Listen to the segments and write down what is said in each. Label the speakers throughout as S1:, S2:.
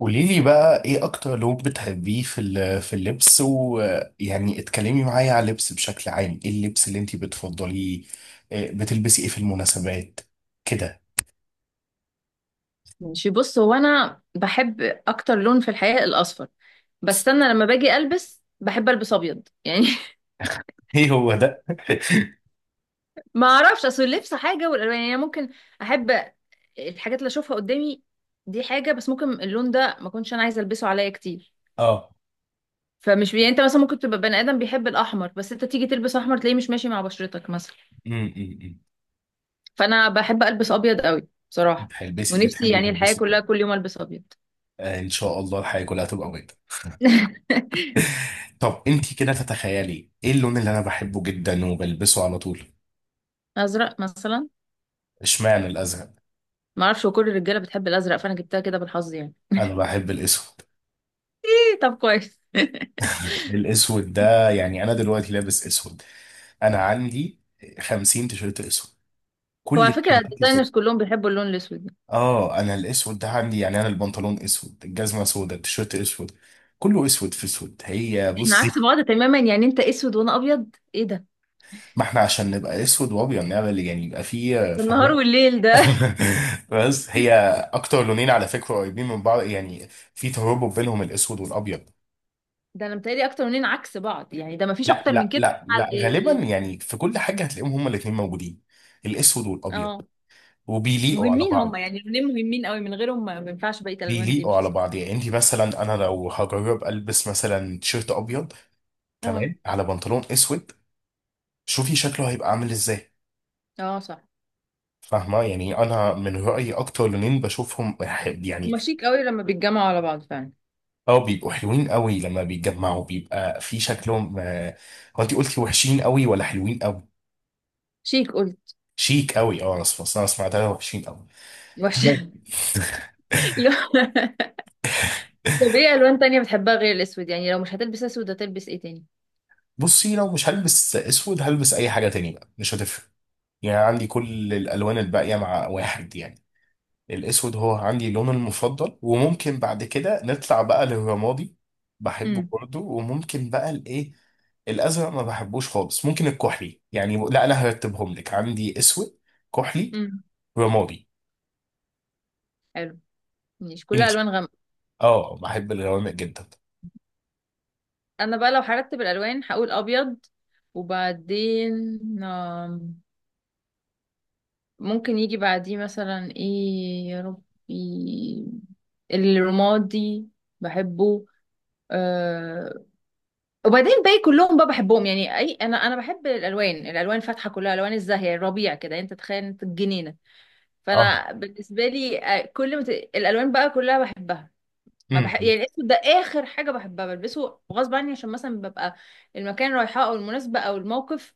S1: قولي لي بقى ايه اكتر لون بتحبيه في اللبس، ويعني اتكلمي معايا على اللبس بشكل عام. ايه اللبس اللي انت بتفضليه؟ إيه بتلبسي ايه في المناسبات كده؟
S2: ماشي. بص، هو انا بحب اكتر لون في الحقيقه الاصفر، بس انا لما باجي البس بحب البس ابيض يعني.
S1: ايه هو ده؟
S2: ما اعرفش، اصل اللبس حاجه والالوان يعني. أنا ممكن احب الحاجات اللي اشوفها قدامي دي حاجه، بس ممكن اللون ده ما كنتش انا عايزه البسه عليا كتير.
S1: اه.
S2: يعني انت مثلا ممكن تبقى بني ادم بيحب الاحمر، بس انت تيجي تلبس احمر تلاقيه مش ماشي مع بشرتك مثلا.
S1: امم
S2: فانا بحب البس ابيض قوي بصراحه، ونفسي
S1: بتحبي
S2: يعني الحياه
S1: تلبسي كله؟
S2: كلها كل يوم البس ابيض.
S1: آه، ان شاء الله الحياة كلها تبقى بيضة. طب انت كده تتخيلي ايه اللون اللي انا بحبه جدا وبلبسه على طول؟
S2: ازرق مثلا.
S1: اشمعنى الازرق؟
S2: ما اعرفش، كل الرجاله بتحب الازرق فانا جبتها كده بالحظ يعني.
S1: انا بحب الاسود.
S2: إيه طب، كويس.
S1: الاسود ده، يعني انا دلوقتي لابس اسود، انا عندي 50 تيشيرت اسود،
S2: هو
S1: كل
S2: على فكره
S1: التيشيرتات اسود.
S2: الديزاينرز كلهم بيحبوا اللون الاسود ده.
S1: اه انا الاسود ده عندي، يعني انا البنطلون اسود، الجزمه سودا، التيشيرت اسود، كله اسود في اسود. هي
S2: احنا عكس
S1: بصي،
S2: بعض تماما، يعني انت اسود وانا ابيض، ايه ده؟
S1: ما احنا عشان نبقى اسود وابيض نعمل يعني، يبقى فيه،
S2: ده النهار
S1: فاهم؟
S2: والليل ده.
S1: بس هي اكتر لونين على فكره قريبين من بعض يعني، في ترابط بينهم الاسود والابيض.
S2: ده انا متهيألي اكتر مننا عكس بعض، يعني ده ما فيش
S1: لا
S2: اكتر من
S1: لا
S2: كده.
S1: لا
S2: على
S1: لا، غالبا
S2: ال-
S1: يعني في كل حاجه هتلاقيهم هما الاثنين موجودين، الاسود والابيض،
S2: اه.
S1: وبيليقوا على
S2: مهمين هم
S1: بعض.
S2: يعني، اللونين مهمين قوي، من غيرهم ما ينفعش بقيه الالوان
S1: بيليقوا
S2: تمشي
S1: على
S2: صح.
S1: بعض، يعني انت مثلا، انا لو هجرب البس مثلا تيشيرت ابيض
S2: اه.
S1: تمام على بنطلون اسود، شوفي شكله هيبقى عامل ازاي.
S2: اه صح.
S1: فاهمه؟ يعني انا من رايي اكتر لونين بشوفهم يعني،
S2: هما شيك قوي لما بيتجمعوا على بعض فعلا.
S1: اه بيبقوا حلوين قوي لما بيتجمعوا، بيبقى في شكلهم هو انت قلتي وحشين قوي ولا حلوين قوي؟
S2: شيك قلت.
S1: شيك قوي، اه، انا سمعتها وحشين قوي.
S2: وحش.
S1: تمام.
S2: لو- طب ايه الوان تانية بتحبها غير الاسود؟ يعني لو مش هتلبس اسود هتلبس ايه تاني؟
S1: بصي، لو مش هلبس اسود هلبس اي حاجه تانية بقى، مش هتفرق. يعني عندي كل الالوان الباقيه مع واحد يعني. الاسود هو عندي لون المفضل، وممكن بعد كده نطلع بقى للرمادي، بحبه برضه، وممكن بقى الايه، الازرق ما بحبوش خالص، ممكن الكحلي يعني. لا انا هرتبهم لك، عندي اسود، كحلي،
S2: امم.
S1: رمادي.
S2: حلو. ماشي، كلها
S1: انت؟
S2: الوان غامقه.
S1: اه بحب الغوامق جدا.
S2: انا بقى لو هرتب الالوان هقول ابيض وبعدين، آم، ممكن يجي بعديه مثلا ايه يا ربي، الرمادي، بحبه. أه. وبعدين باقي كلهم بقى بحبهم، يعني اي، انا بحب الالوان، الالوان فاتحه كلها، الوان الزاهيه الربيع كده يعني، انت تخيل انت الجنينه.
S1: اه.
S2: فانا بالنسبه لي كل الالوان بقى كلها بحبها. ما بح...
S1: امم.
S2: يعني الاسود ده اخر حاجه بحبها، بلبسه غصب عني عشان مثلا ببقى المكان رايحاه او المناسبه او الموقف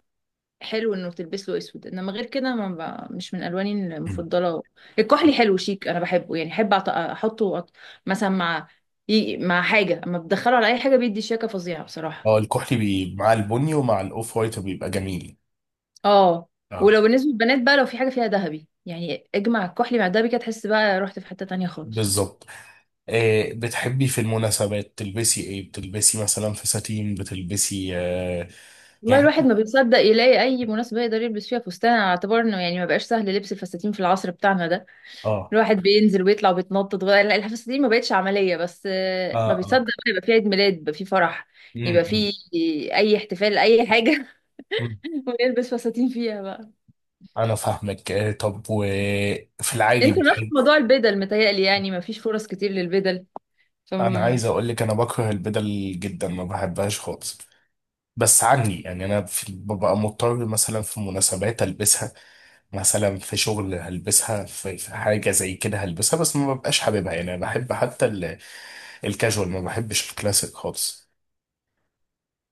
S2: حلو انه تلبس له اسود، انما غير كده ما ب... مش من الواني
S1: أمم.
S2: المفضله. الكحلي حلو شيك، انا بحبه. يعني احب احطه مثلا مع مع حاجه، اما بدخله على اي حاجه بيدي شياكه فظيعه بصراحه.
S1: اه الكحلي مع البني ومع الاوف وايت بيبقى جميل.
S2: اه.
S1: اه.
S2: ولو بالنسبه للبنات بقى، لو في حاجه فيها ذهبي يعني اجمع الكحلي مع الذهبي كده، تحس بقى رحت في حته تانية خالص.
S1: بالظبط. آه، بتحبي في المناسبات تلبسي ايه؟ بتلبسي مثلا فساتين، بتلبسي
S2: والله
S1: يعني
S2: الواحد
S1: إيه؟
S2: ما بيصدق يلاقي اي مناسبه يقدر يلبس فيها فستان، على اعتبار انه يعني ما بقاش سهل لبس الفساتين في العصر بتاعنا ده.
S1: اه.
S2: الواحد بينزل ويطلع وبيتنطط، ولا لا، الفساتين ما بقتش عمليه، بس
S1: اه
S2: ما بيصدق
S1: اه.
S2: بقى يبقى في عيد ميلاد، يبقى في فرح، يبقى
S1: امم.
S2: في اي احتفال اي حاجه،
S1: أمم.
S2: ويلبس فساتين فيها بقى.
S1: انا فاهمك. طب وفي العادي
S2: انت نفس
S1: بتحب،
S2: موضوع البدل متهيألي، يعني ما فيش فرص كتير للبدل،
S1: انا
S2: فما.
S1: عايز اقول لك انا بكره البدل جدا، ما بحبهاش خالص، بس عني يعني انا ببقى مضطر مثلا في مناسبات البسها، مثلا في شغل هلبسها، في حاجه زي كده هلبسها، بس ما ببقاش حاببها. يعني انا بحب حتى الكاجوال، ما بحبش الكلاسيك خالص.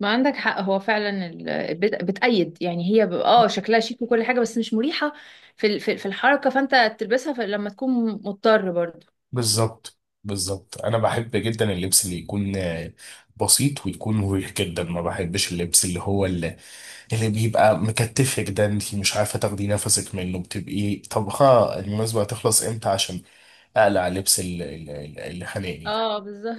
S2: ما عندك حق، هو فعلا بتأيد، يعني هي اه شكلها شيك وكل حاجة بس مش مريحة في الحركة، فانت تلبسها لما تكون مضطر برضو.
S1: بالظبط بالظبط، انا بحب جدا اللبس اللي يكون بسيط ويكون مريح جدا، ما بحبش اللبس اللي هو اللي بيبقى مكتفك ده، انت مش عارفه تاخدي نفسك منه، بتبقي طبخه المناسبه هتخلص امتى عشان اقلع لبس اللي خانقني.
S2: اه بالظبط.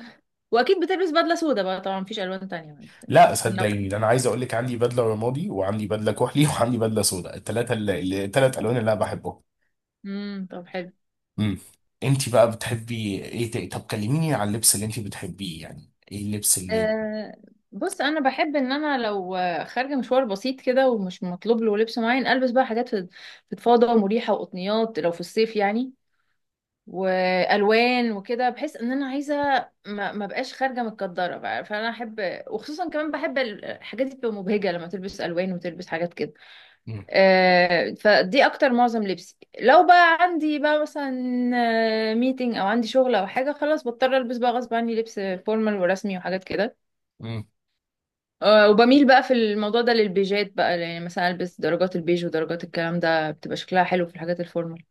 S2: واكيد بتلبس بدلة سودا بقى طبعا، مفيش الوان تانية، مش
S1: لا
S2: مش هنلو.
S1: صدقيني، ده انا عايز اقول لك عندي بدله رمادي وعندي بدله كحلي وعندي بدله سوداء، الثلاثه، الثلاث الوان اللي انا بحبهم.
S2: طب حلو.
S1: امم. انت بقى بتحبي ايه تاني؟ طب كلميني عن اللبس اللي انت بتحبيه، يعني ايه اللبس اللي؟
S2: آه. بص انا بحب ان انا لو خارجه مشوار بسيط كده ومش مطلوب له لبس معين، البس بقى حاجات فضفاضه ومريحه وقطنيات لو في الصيف يعني، والوان وكده. بحس ان انا عايزه ما بقاش خارجه متكدره بقى، فانا احب، وخصوصا كمان بحب الحاجات دي بتبقى مبهجه لما تلبس الوان وتلبس حاجات كده.
S1: امم.
S2: فدي اكتر معظم لبسي. لو بقى عندي بقى مثلا ميتنج او عندي شغل او حاجه، خلاص بضطر البس بقى غصب عني لبس فورمال ورسمي وحاجات كده.
S1: امم.
S2: وبميل بقى في الموضوع ده للبيجات بقى، يعني مثلا البس درجات البيج ودرجات الكلام ده، بتبقى شكلها حلو في الحاجات الفورمال.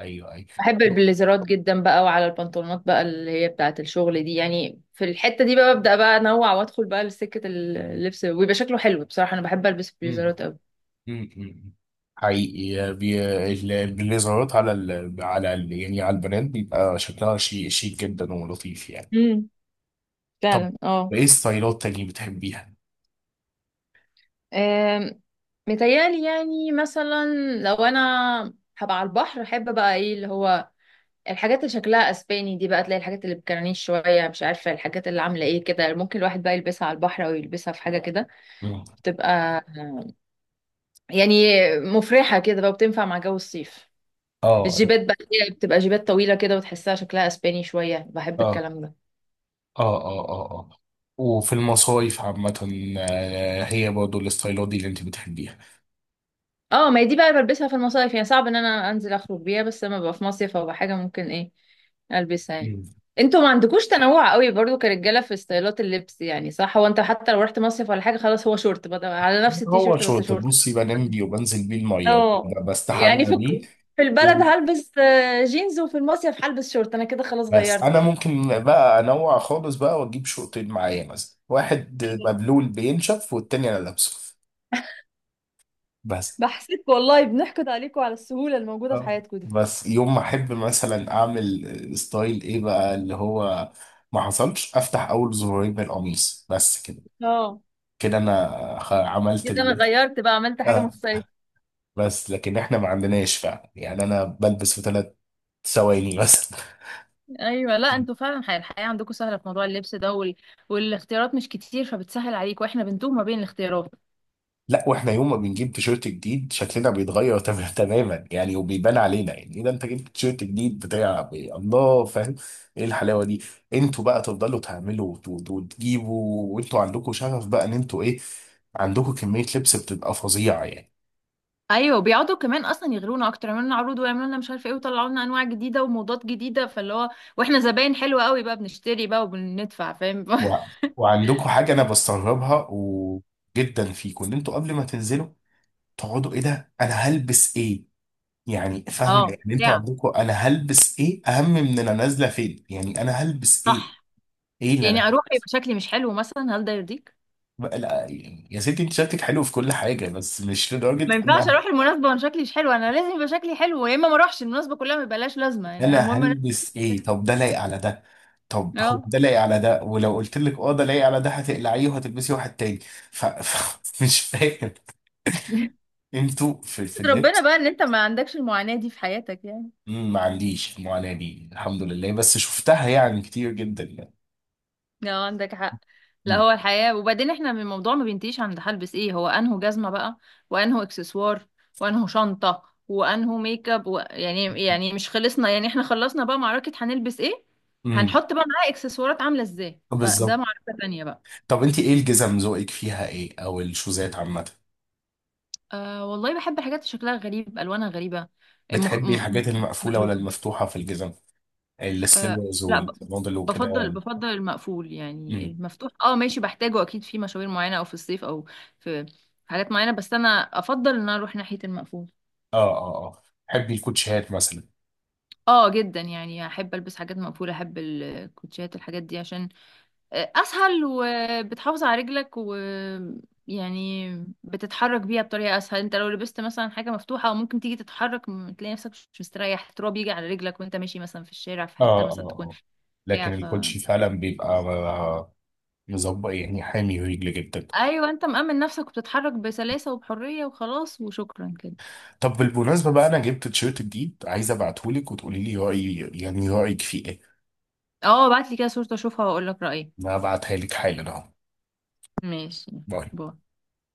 S1: ايوه
S2: بحب
S1: ايوه.
S2: البليزرات جدا بقى، وعلى البنطلونات بقى اللي هي بتاعة الشغل دي، يعني في الحتة دي بقى ببدأ بقى انوع وادخل بقى لسكة اللبس، ويبقى شكله حلو بصراحة. انا بحب البس البليزرات قوي.
S1: مم. حقيقي، اللي ظهرت على يعني على البنات، بيبقى شكلها شيك شيك جدا ولطيف يعني.
S2: امم.
S1: طب
S2: فعلا اه.
S1: ايه ستايلات تانية بتحبيها؟
S2: آم، متهيألي يعني مثلا لو انا هبقى على البحر، احب بقى ايه اللي هو الحاجات اللي شكلها اسباني دي بقى، تلاقي الحاجات اللي بكرانيش شوية، مش عارفة الحاجات اللي عاملة ايه كده، ممكن الواحد بقى يلبسها على البحر او يلبسها في حاجة كده.
S1: مم.
S2: بتبقى يعني مفرحة كده بقى، وبتنفع مع جو الصيف.
S1: اه
S2: الجيبات بقى اللي هي بتبقى جيبات طويلة كده وتحسها شكلها اسباني شوية، بحب
S1: اه
S2: الكلام ده.
S1: اه اه اه اه، وفي المصايف عامة، آه، هي برضه الستايلات دي اللي انت بتحبيها؟
S2: اه. ما هي دي بقى بلبسها في المصايف يعني، صعب ان انا انزل اخرج بيها، بس لما ببقى في مصيف او حاجة ممكن ايه البسها يعني.
S1: مم.
S2: انتوا ما عندكوش تنوع قوي برضو كرجالة في ستايلات اللبس يعني، صح، هو انت حتى لو رحت مصيف ولا حاجة، خلاص هو شورت، بدل على نفس
S1: هو
S2: التيشيرت بس
S1: شورت،
S2: شورت.
S1: بصي بنام بيه، وبنزل بيه المية،
S2: اه. يعني
S1: بستحمى
S2: في
S1: بيه.
S2: في البلد هلبس جينز، وفي المصيف هلبس شورت، انا كده خلاص
S1: بس انا
S2: غيرت.
S1: ممكن بقى انوع خالص بقى واجيب شوطين معايا، مثلا واحد مبلول بينشف والتاني انا لابسه بس.
S2: بحسك والله بنحقد عليكم على السهولة الموجودة في
S1: اه،
S2: حياتكم دي.
S1: بس يوم ما احب مثلا اعمل ستايل ايه بقى اللي هو، ما حصلش افتح اول زرارين من القميص بس كده،
S2: اه.
S1: كده انا عملت
S2: كده انا غيرت بقى، عملت حاجه
S1: آه.
S2: مختلفه.
S1: بس لكن احنا ما عندناش فعلا، يعني انا بلبس في ثلاث ثواني بس.
S2: ايوه. لا انتوا فعلا الحياه عندكم سهله في موضوع اللبس ده والاختيارات مش كتير، فبتسهل عليك، واحنا بنتوه ما بين الاختيارات.
S1: لا واحنا يوم ما بنجيب تيشيرت جديد شكلنا بيتغير تماما يعني، وبيبان علينا، يعني ايه ده انت جبت تيشيرت جديد بتاع إيه؟ الله فاهم، ايه الحلاوه دي. انتوا بقى تفضلوا تعملوا وتجيبوا، وانتوا عندكم شغف بقى ان انتوا ايه، عندكم كميه لبس بتبقى فظيعه يعني.
S2: ايوه بيقعدوا كمان اصلا يغرونا اكتر، يعملوا لنا عروض ويعملوا لنا مش عارفه ايه، ويطلعوا لنا انواع جديده وموضات جديده، فاللي هو، واحنا زباين حلوه قوي بقى، بنشتري بقى وبندفع فاهم.
S1: و... وعندكم حاجه انا بستغربها وجدا فيكم، ان انتوا قبل ما تنزلوا تقعدوا ايه ده انا هلبس ايه، يعني فاهمه؟
S2: اه
S1: يعني انتوا
S2: ساعة،
S1: عندكم انا هلبس ايه اهم من انا نازله فين، يعني انا هلبس ايه؟
S2: صح،
S1: ايه اللي
S2: يعني
S1: انا؟
S2: اروح يبقى شكلي مش حلو مثلا، هل ده يرضيك؟
S1: لا يا ستي، انت شكلك حلو في كل حاجة بس مش لدرجة
S2: ما ينفعش
S1: انا،
S2: اروح المناسبه وانا شكلي مش حلو، انا لازم يبقى شكلي حلو، يا اما ما اروحش المناسبه كلها ما يبقاش لازمه يعني،
S1: انا
S2: المهم انا
S1: هلبس ايه،
S2: شكلي حلو.
S1: طب ده لايق على ده، طب هو
S2: اه.
S1: ده لايق على ده؟ ولو قلت لك اه ده لايق على ده هتقلعيه وهتلبسي واحد تاني؟ مش فاهم انتوا في
S2: ربنا
S1: اللبس.
S2: بقى ان انت ما عندكش المعاناة دي في حياتك يعني.
S1: مم، ما عنديش المعاناة دي، الحمد لله، بس شفتها يعني كتير جدا يعني.
S2: لا عندك حق. لا
S1: مم.
S2: هو الحياة، وبعدين احنا من الموضوع ما بينتهيش عند هلبس ايه، هو انه جزمة بقى، وانه اكسسوار، وانه شنطة، وانه ميك اب يعني يعني مش خلصنا يعني، احنا خلصنا بقى معركة هنلبس ايه،
S1: امم.
S2: هنحط بقى معاه اكسسوارات عاملة ازاي، فده
S1: بالظبط.
S2: معركة تانية بقى.
S1: طب انت ايه الجزم ذوقك فيها ايه، او الشوزات عامه؟
S2: آه والله بحب حاجات شكلها غريب الوانها غريبة. مخ... م...
S1: بتحبي
S2: م-
S1: الحاجات المقفوله ولا
S2: مألوفة.
S1: المفتوحه في الجزم؟
S2: آه
S1: السليبرز
S2: لا ب-
S1: والبنطلون وكده
S2: بفضل
S1: يعني.
S2: المقفول يعني،
S1: مم.
S2: المفتوح اه ماشي بحتاجه اكيد في مشاوير معينه او في الصيف او في حاجات معينه، بس انا افضل ان انا اروح ناحيه المقفول.
S1: اه اه اه، بحب الكوتشيهات مثلا.
S2: اه جدا يعني، احب البس حاجات مقفوله، احب الكوتشيات الحاجات دي عشان اسهل، وبتحافظ على رجلك و، يعني بتتحرك بيها بطريقه اسهل. انت لو لبست مثلا حاجه مفتوحه، او ممكن تيجي تتحرك تلاقي نفسك مش مستريح، تراب يجي على رجلك وانت ماشي مثلا في الشارع في حته
S1: اه اه
S2: مثلا تكون
S1: اه،
S2: بتاع.
S1: لكن الكوتشي فعلا بيبقى مظبط يعني، حامي رجل جدا.
S2: ايوه انت مأمن نفسك وبتتحرك بسلاسة وبحرية وخلاص وشكرا كده.
S1: طب بالمناسبة بقى انا جبت تيشيرت جديد عايز ابعتهولك وتقولي لي رأيي، يعني رأيك فيه ايه.
S2: اه ابعت لي كده صورة اشوفها واقول لك رأيي.
S1: انا هبعتها لك حالا اهو.
S2: ماشي.
S1: باي.
S2: باي.